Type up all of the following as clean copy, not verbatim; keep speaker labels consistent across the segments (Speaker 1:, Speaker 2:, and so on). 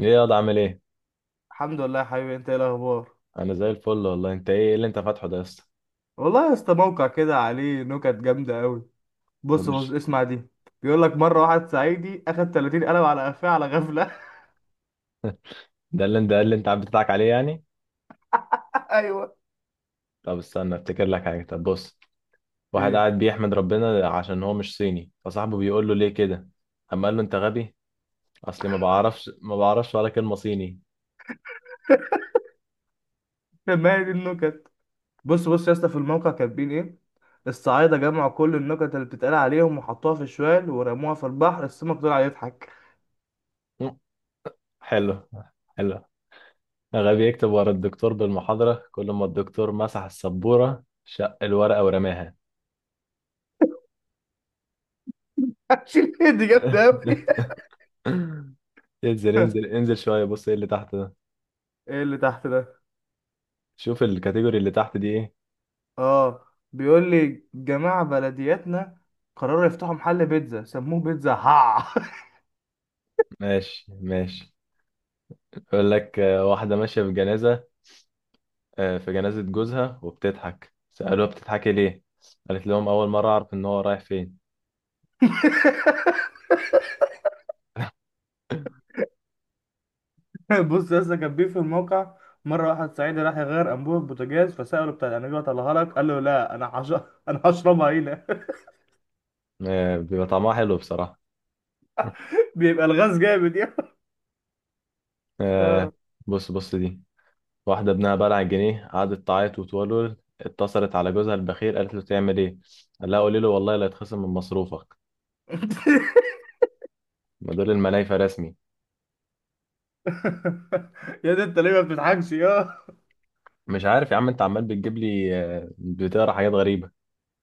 Speaker 1: ايه يا ده؟ عامل ايه؟
Speaker 2: الحمد لله يا حبيبي، انت ايه الاخبار؟
Speaker 1: انا زي الفل والله. انت إيه اللي انت فاتحه ده يا اسطى؟
Speaker 2: والله يا اسطى موقع كده عليه نكت جامده قوي. بص بص
Speaker 1: ومش.
Speaker 2: اسمع دي. بيقول لك مره واحد صعيدي اخد 30 قلم على قفاه على غفله.
Speaker 1: ده اللي انت قاعد بتضحك عليه يعني؟
Speaker 2: ايوه.
Speaker 1: طب استنى افتكر لك حاجه. طب بص. واحد
Speaker 2: ايه؟
Speaker 1: قاعد بيحمد ربنا عشان هو مش صيني، فصاحبه بيقول له ليه كده. اما قال له انت غبي. اصلي ما بعرفش ولا كلمه صيني.
Speaker 2: ما هي دي النكت. بص بص يا اسطى في الموقع كاتبين ايه. الصعايده جمعوا كل النكت اللي بتتقال عليهم وحطوها في شوال ورموها في البحر، السمك طلع يضحك.
Speaker 1: مم، حلو. حلو. غبي يكتب ورا الدكتور بالمحاضره، كل ما الدكتور مسح السبوره شق الورقه ورماها.
Speaker 2: شيل دي جامده قوي.
Speaker 1: انزل انزل انزل شويه، بص ايه اللي تحت ده.
Speaker 2: ايه اللي تحت ده؟
Speaker 1: شوف الكاتيجوري اللي تحت دي ايه.
Speaker 2: اه، بيقول لي جماعة بلدياتنا قرروا يفتحوا محل بيتزا سموه بيتزا هع.
Speaker 1: ماشي ماشي. يقول لك واحدة ماشية في جنازة. في جنازة جوزها وبتضحك. سألوها بتضحكي ليه؟ قالت لهم أول مرة أعرف إن هو رايح فين.
Speaker 2: بص يا اسطى كان بيه في الموقع. مرة واحد صعيدي راح يغير أنبوبة بوتاجاز، فسأله بتاع الأنبوبة طلعها لك؟ قال له لا، أنا هش... أنا هشربها هنا.
Speaker 1: آه، بيبقى طعمها حلو بصراحة.
Speaker 2: بيبقى الغاز جامد يا.
Speaker 1: آه،
Speaker 2: اه.
Speaker 1: بص بص دي. واحدة ابنها بلع جنيه، قعدت تعيط وتولول، اتصلت على جوزها البخيل قالت له تعمل إيه؟ قال لها قولي له والله لا يتخصم من مصروفك. ما دول المنايفة رسمي.
Speaker 2: يا ده أنت ليه ما بتضحكش يا؟
Speaker 1: مش عارف يا عم، أنت عمال بتجيب لي بتقرا حاجات غريبة.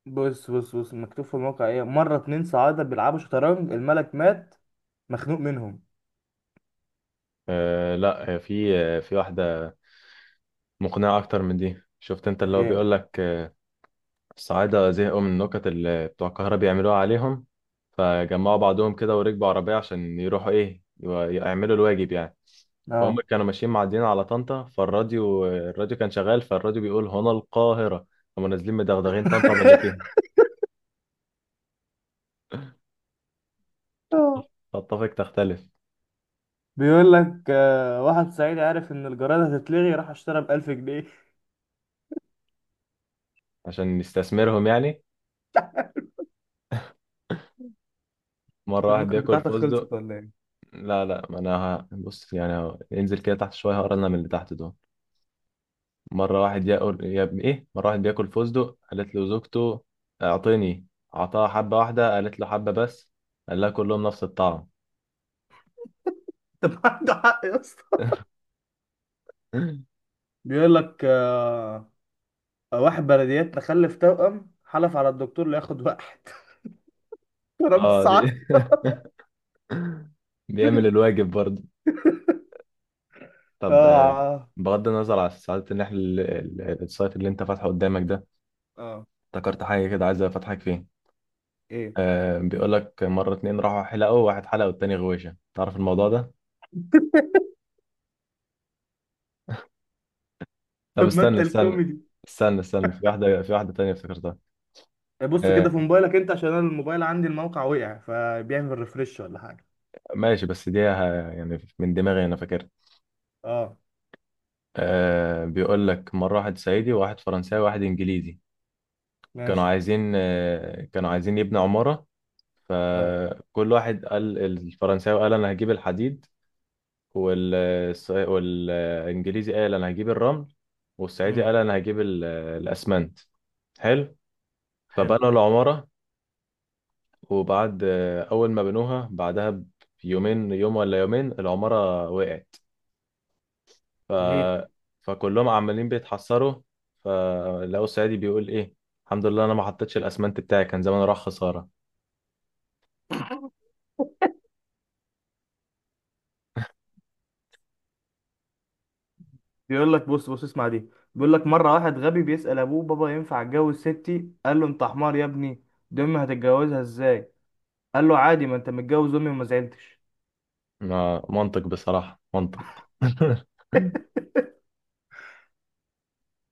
Speaker 2: بص بص بص مكتوب في الموقع إيه. مرة اتنين صعايدة بيلعبوا شطرنج، الملك مات مخنوق منهم.
Speaker 1: لا، في واحدة مقنعة أكتر من دي. شفت أنت اللي هو
Speaker 2: إيه؟
Speaker 1: بيقول لك. الصعايدة زهقوا من النكت اللي بتوع القاهرة بيعملوها عليهم. فجمعوا بعضهم كده وركبوا عربية عشان يروحوا يعملوا الواجب يعني. فهم
Speaker 2: أه.
Speaker 1: كانوا ماشيين معديين على طنطا، فالراديو كان شغال، فالراديو بيقول هنا القاهرة. هم نازلين مدغدغين طنطا باللي فيها.
Speaker 2: اه،
Speaker 1: تتفق تختلف.
Speaker 2: بيقول لك واحد صعيدي عارف إن الجرائد هتتلغي، راح اشترى بألف جنيه.
Speaker 1: عشان يستثمرهم يعني. مرة
Speaker 2: طب ما
Speaker 1: واحد
Speaker 2: كانت
Speaker 1: بياكل
Speaker 2: بتاعتك
Speaker 1: فستق.
Speaker 2: خلصت ولا إيه؟
Speaker 1: لا لا، ما أنا بص يعني، انزل كده تحت شوية هقرا لنا من اللي تحت دول. مرة واحد ياكل يا ابن ايه مرة واحد بياكل فستق، قالت له زوجته اعطيني. اعطاها حبة واحدة. قالت له حبة بس؟ قال لها كلهم نفس الطعم.
Speaker 2: طب عنده حق يا اسطى. بيقول لك واحد بلديات تخلف توأم حلف على الدكتور لياخد واحد. رب
Speaker 1: اه دي.
Speaker 2: الساعة.
Speaker 1: بيعمل الواجب برضه. طب
Speaker 2: اه.
Speaker 1: بغض النظر على سعادة ان احنا السايت اللي انت فاتحه قدامك ده،
Speaker 2: اه.
Speaker 1: افتكرت حاجة كده عايز افتحك فيه.
Speaker 2: ايه؟
Speaker 1: آه، بيقول لك مرة اتنين راحوا حلقوا، واحد حلق والتاني غويشة. تعرف الموضوع ده؟ طب
Speaker 2: طب ما انت
Speaker 1: استنى استنى.
Speaker 2: الكوميدي.
Speaker 1: استنى استنى. في واحدة تانية افتكرتها.
Speaker 2: بص
Speaker 1: آه،
Speaker 2: كده في موبايلك انت، عشان انا الموبايل عندي الموقع وقع، فبيعمل ريفرش ولا حاجة.
Speaker 1: ماشي. بس دي يعني من دماغي انا فاكر.
Speaker 2: اه.
Speaker 1: آه، بيقول لك مره واحد صعيدي وواحد فرنساوي وواحد انجليزي كانوا
Speaker 2: ماشي.
Speaker 1: عايزين. كانوا عايزين يبنوا عماره.
Speaker 2: اه.
Speaker 1: فكل واحد قال، الفرنساوي قال انا هجيب الحديد، والانجليزي قال انا هجيب الرمل، والصعيدي قال
Speaker 2: امم
Speaker 1: انا هجيب الاسمنت. حلو.
Speaker 2: حلو.
Speaker 1: فبنوا العماره. وبعد اول ما بنوها، بعدها بيومين، يوم ولا يومين العماره وقعت. ف...
Speaker 2: ليه؟
Speaker 1: فكلهم عمالين بيتحسروا، فلقوا الصعيدي بيقول ايه. الحمد لله انا ما حطيتش الاسمنت بتاعي، كان زمان راح خسارة.
Speaker 2: بيقول لك بص بص اسمع دي. بيقول لك مرة واحد غبي بيسأل ابوه، بابا ينفع اتجوز ستي؟ قال له انت حمار يا ابني، دي امي هتتجوزها ازاي؟ قال له عادي، ما انت متجوز امي وما زعلتش.
Speaker 1: ما منطق بصراحة، منطق.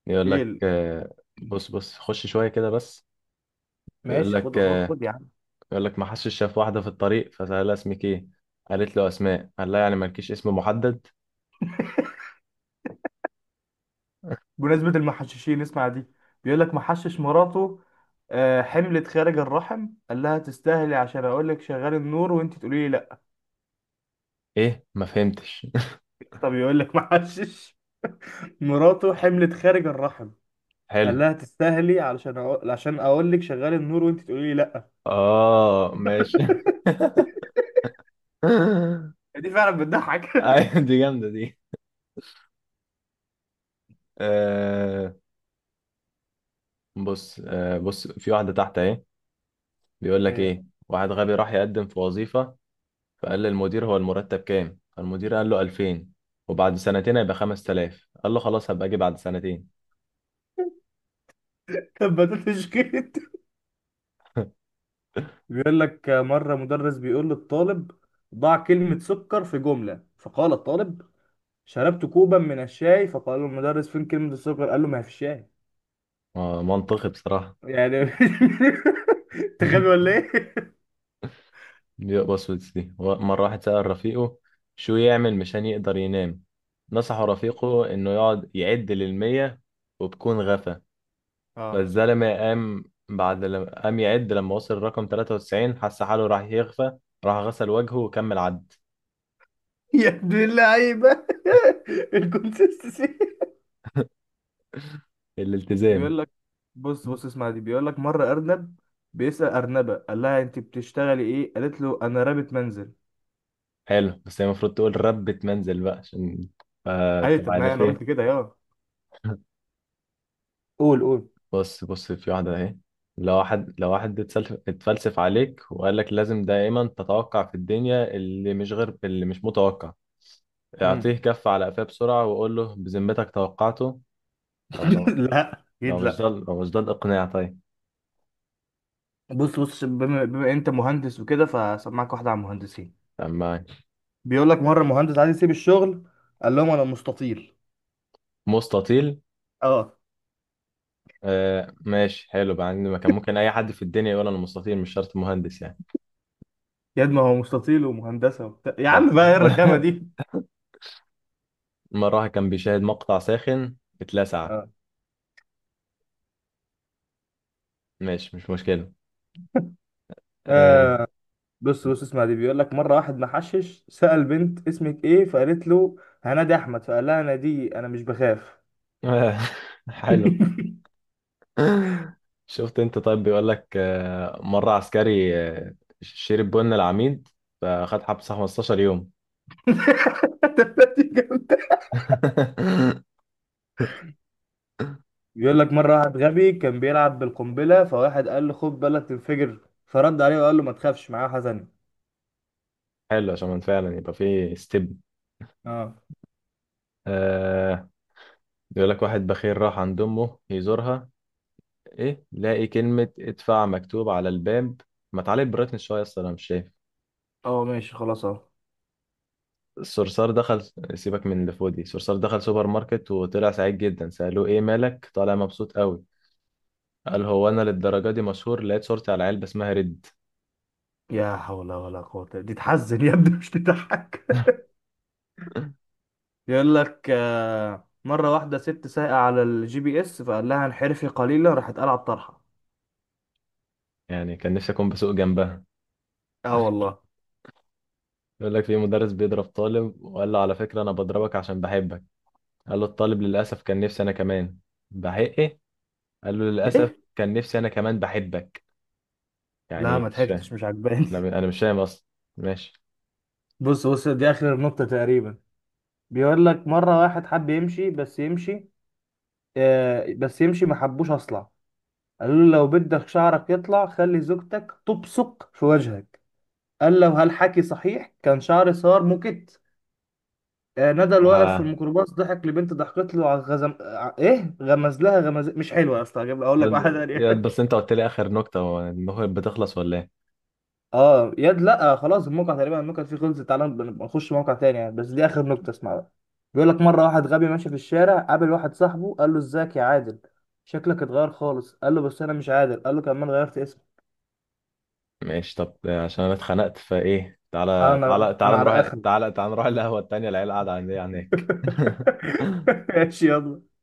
Speaker 1: يقول
Speaker 2: ايه
Speaker 1: لك
Speaker 2: ال-
Speaker 1: بص بص، خش شوية كده بس. يقول
Speaker 2: ماشي،
Speaker 1: لك
Speaker 2: خد خد خد يا عم.
Speaker 1: يقول لك ما حدش شاف واحدة في الطريق، فسألها اسمك ايه؟ قالت له اسماء. قال لها يعني مالكيش اسم محدد؟
Speaker 2: بمناسبة المحششين اسمع دي. بيقول لك محشش مراته حملت خارج الرحم، قال لها تستاهلي، عشان اقول لك شغال النور وانت تقولي لي لا.
Speaker 1: ايه ما فهمتش.
Speaker 2: طب يقول لك محشش مراته حملت خارج الرحم،
Speaker 1: حلو.
Speaker 2: قال لها تستاهلي، علشان عشان اقول لك شغال النور وانت تقولي لي لا.
Speaker 1: اه ماشي.
Speaker 2: دي فعلا بتضحك.
Speaker 1: ايوه دي جامدة دي. آه، بص. آه، بص في واحدة تحت اهي. بيقول لك
Speaker 2: هي
Speaker 1: ايه، واحد غبي راح يقدم في وظيفة، فقال للمدير هو المرتب كام؟ المدير قال له 2000، وبعد سنتين هيبقى 5000. قال له خلاص هبقى اجي بعد سنتين.
Speaker 2: كبتت شكيت. بيقول لك مرة مدرس بيقول للطالب ضع كلمة سكر في جملة، فقال الطالب شربت كوبا من الشاي، فقال له المدرس فين كلمة السكر؟ قال له ما هي في الشاي
Speaker 1: آه، منطقي بصراحة.
Speaker 2: يعني. انت غبي ولا ايه؟
Speaker 1: بص بص دي. مرة واحد سأل رفيقه شو يعمل مشان يقدر ينام. نصحه رفيقه انه يقعد يعد للمية وبكون غفى.
Speaker 2: اه.
Speaker 1: فالزلمة قام، بعد لما قام يعد، لما وصل رقم 93 حس حاله راح يغفى، راح غسل وجهه وكمل عد.
Speaker 2: يا ابن اللعيبة. الكونسيستنسي.
Speaker 1: الالتزام.
Speaker 2: بيقول لك بص بص اسمع دي. بيقول لك مرة أرنب بيسأل أرنبة قال لها أنت بتشتغلي إيه؟ قالت له أنا رابط منزل.
Speaker 1: حلو، بس هي المفروض تقول ربة منزل بقى عشان.
Speaker 2: أيوة،
Speaker 1: طب
Speaker 2: طب ما
Speaker 1: عارف
Speaker 2: أنا قلت
Speaker 1: ايه.
Speaker 2: كده يا. قول قول.
Speaker 1: بص بص في واحدة اهي. لو واحد اتفلسف عليك وقال لك لازم دائما تتوقع في الدنيا اللي مش، غير اللي مش متوقع،
Speaker 2: مم.
Speaker 1: اعطيه كف على قفاه بسرعة وقول له بذمتك توقعته. طب لو،
Speaker 2: لا، أكيد لأ.
Speaker 1: لو مش ده الإقناع طيب.
Speaker 2: بص بص بما أنت مهندس وكده، فسمعك واحدة عن المهندسين.
Speaker 1: تمام معاك.
Speaker 2: بيقول لك مره مهندس عايز يسيب الشغل، قال لهم انا مستطيل.
Speaker 1: مستطيل.
Speaker 2: اه.
Speaker 1: آه، ماشي، حلو. بقى عندي مكان ممكن أي حد في الدنيا يقول أنا مستطيل، مش شرط مهندس يعني.
Speaker 2: يا ابني هو مستطيل ومهندسه وبتاع يا
Speaker 1: صح
Speaker 2: عم،
Speaker 1: صح.
Speaker 2: بقى ايه الرخامه دي.
Speaker 1: مرة واحد كان بيشاهد مقطع ساخن اتلسع.
Speaker 2: اه.
Speaker 1: ماشي، مش مشكلة. آه.
Speaker 2: آه، بص بص اسمع دي. بيقول لك مره واحد محشش سأل بنت اسمك ايه؟ فقالت له هنادي احمد، فقال لها انا دي انا مش بخاف.
Speaker 1: آه. حلو. شفت انت. طيب بيقول لك مرة عسكري شرب بن العميد فخد حبس 15 يوم.
Speaker 2: دي جامدة. بيقول لك مرة واحد غبي كان بيلعب بالقنبلة، فواحد قال له خد بالك تنفجر، فرد عليه وقال له ما تخافش معاه حزن.
Speaker 1: حلو عشان فعلا يبقى في ستيب.
Speaker 2: اه.
Speaker 1: آه، بيقول لك واحد بخيل راح عند امه يزورها، ايه لاقي كلمة ادفع مكتوب على الباب. ما تعالي بريتني شوية اصلا انا مش شايف.
Speaker 2: اه ماشي خلاص اهو.
Speaker 1: الصرصار دخل. سيبك من اللي في ودي، الصرصار دخل سوبر ماركت وطلع سعيد جدا. سألوه ايه مالك طالع مبسوط قوي؟ قال هو انا للدرجة دي مشهور؟ لقيت صورتي على علبة اسمها ريد.
Speaker 2: يا حول ولا قوة، دي تحزن يا ابني مش تضحك. يقول لك مرة واحدة ست سايقة على الجي بي اس، فقال لها انحرفي قليلا، راحت قلعت الطرحة.
Speaker 1: يعني كان نفسي اكون بسوق جنبها.
Speaker 2: اه والله.
Speaker 1: يقول لك في مدرس بيضرب طالب وقال له على فكرة انا بضربك عشان بحبك، قال له الطالب للأسف كان نفسي انا كمان. بحق ايه. قال له للأسف
Speaker 2: ايه؟
Speaker 1: كان نفسي انا كمان بحبك.
Speaker 2: لا
Speaker 1: يعني
Speaker 2: ما
Speaker 1: مش
Speaker 2: ضحكتش،
Speaker 1: فاهم.
Speaker 2: مش عجباني.
Speaker 1: انا انا مش فاهم اصلا. ماشي.
Speaker 2: بص بص دي اخر النقطة تقريبا. بيقول لك مرة واحد حب يمشي، بس يمشي آه بس يمشي، ما حبوش اصلع، قالوا له لو بدك شعرك يطلع خلي زوجتك تبصق في وجهك، قال له هل حكي صحيح؟ كان شعري صار موكيت. آه، ندى اللي واقف في
Speaker 1: ما
Speaker 2: الميكروباص ضحك لبنت، ضحكت له على ايه، غمز لها غمز. مش حلوه يا اسطى، هجيب اقول لك واحده
Speaker 1: يا-
Speaker 2: تانيه.
Speaker 1: يا- بس انت قلت لي اخر نكتة، هو النكت بتخلص ولا ايه؟
Speaker 2: اه يد لا خلاص، الموقع تقريبا النكت فيه خلصت، تعالى نبقى نخش موقع تاني يعني، بس دي اخر نكته اسمع بقى. بيقول لك مره واحد غبي ماشي في الشارع، قابل واحد صاحبه قال له ازيك يا عادل، شكلك اتغير خالص، قال له بس انا مش عادل، قال له كمان غيرت اسمي.
Speaker 1: ماشي طب عشان انا اتخنقت فايه، تعالى
Speaker 2: انا
Speaker 1: تعالى تعالى
Speaker 2: انا على
Speaker 1: نروح،
Speaker 2: اخر.
Speaker 1: القهوة التانية العيال قاعدة عندي هناك.
Speaker 2: ماشي يلا.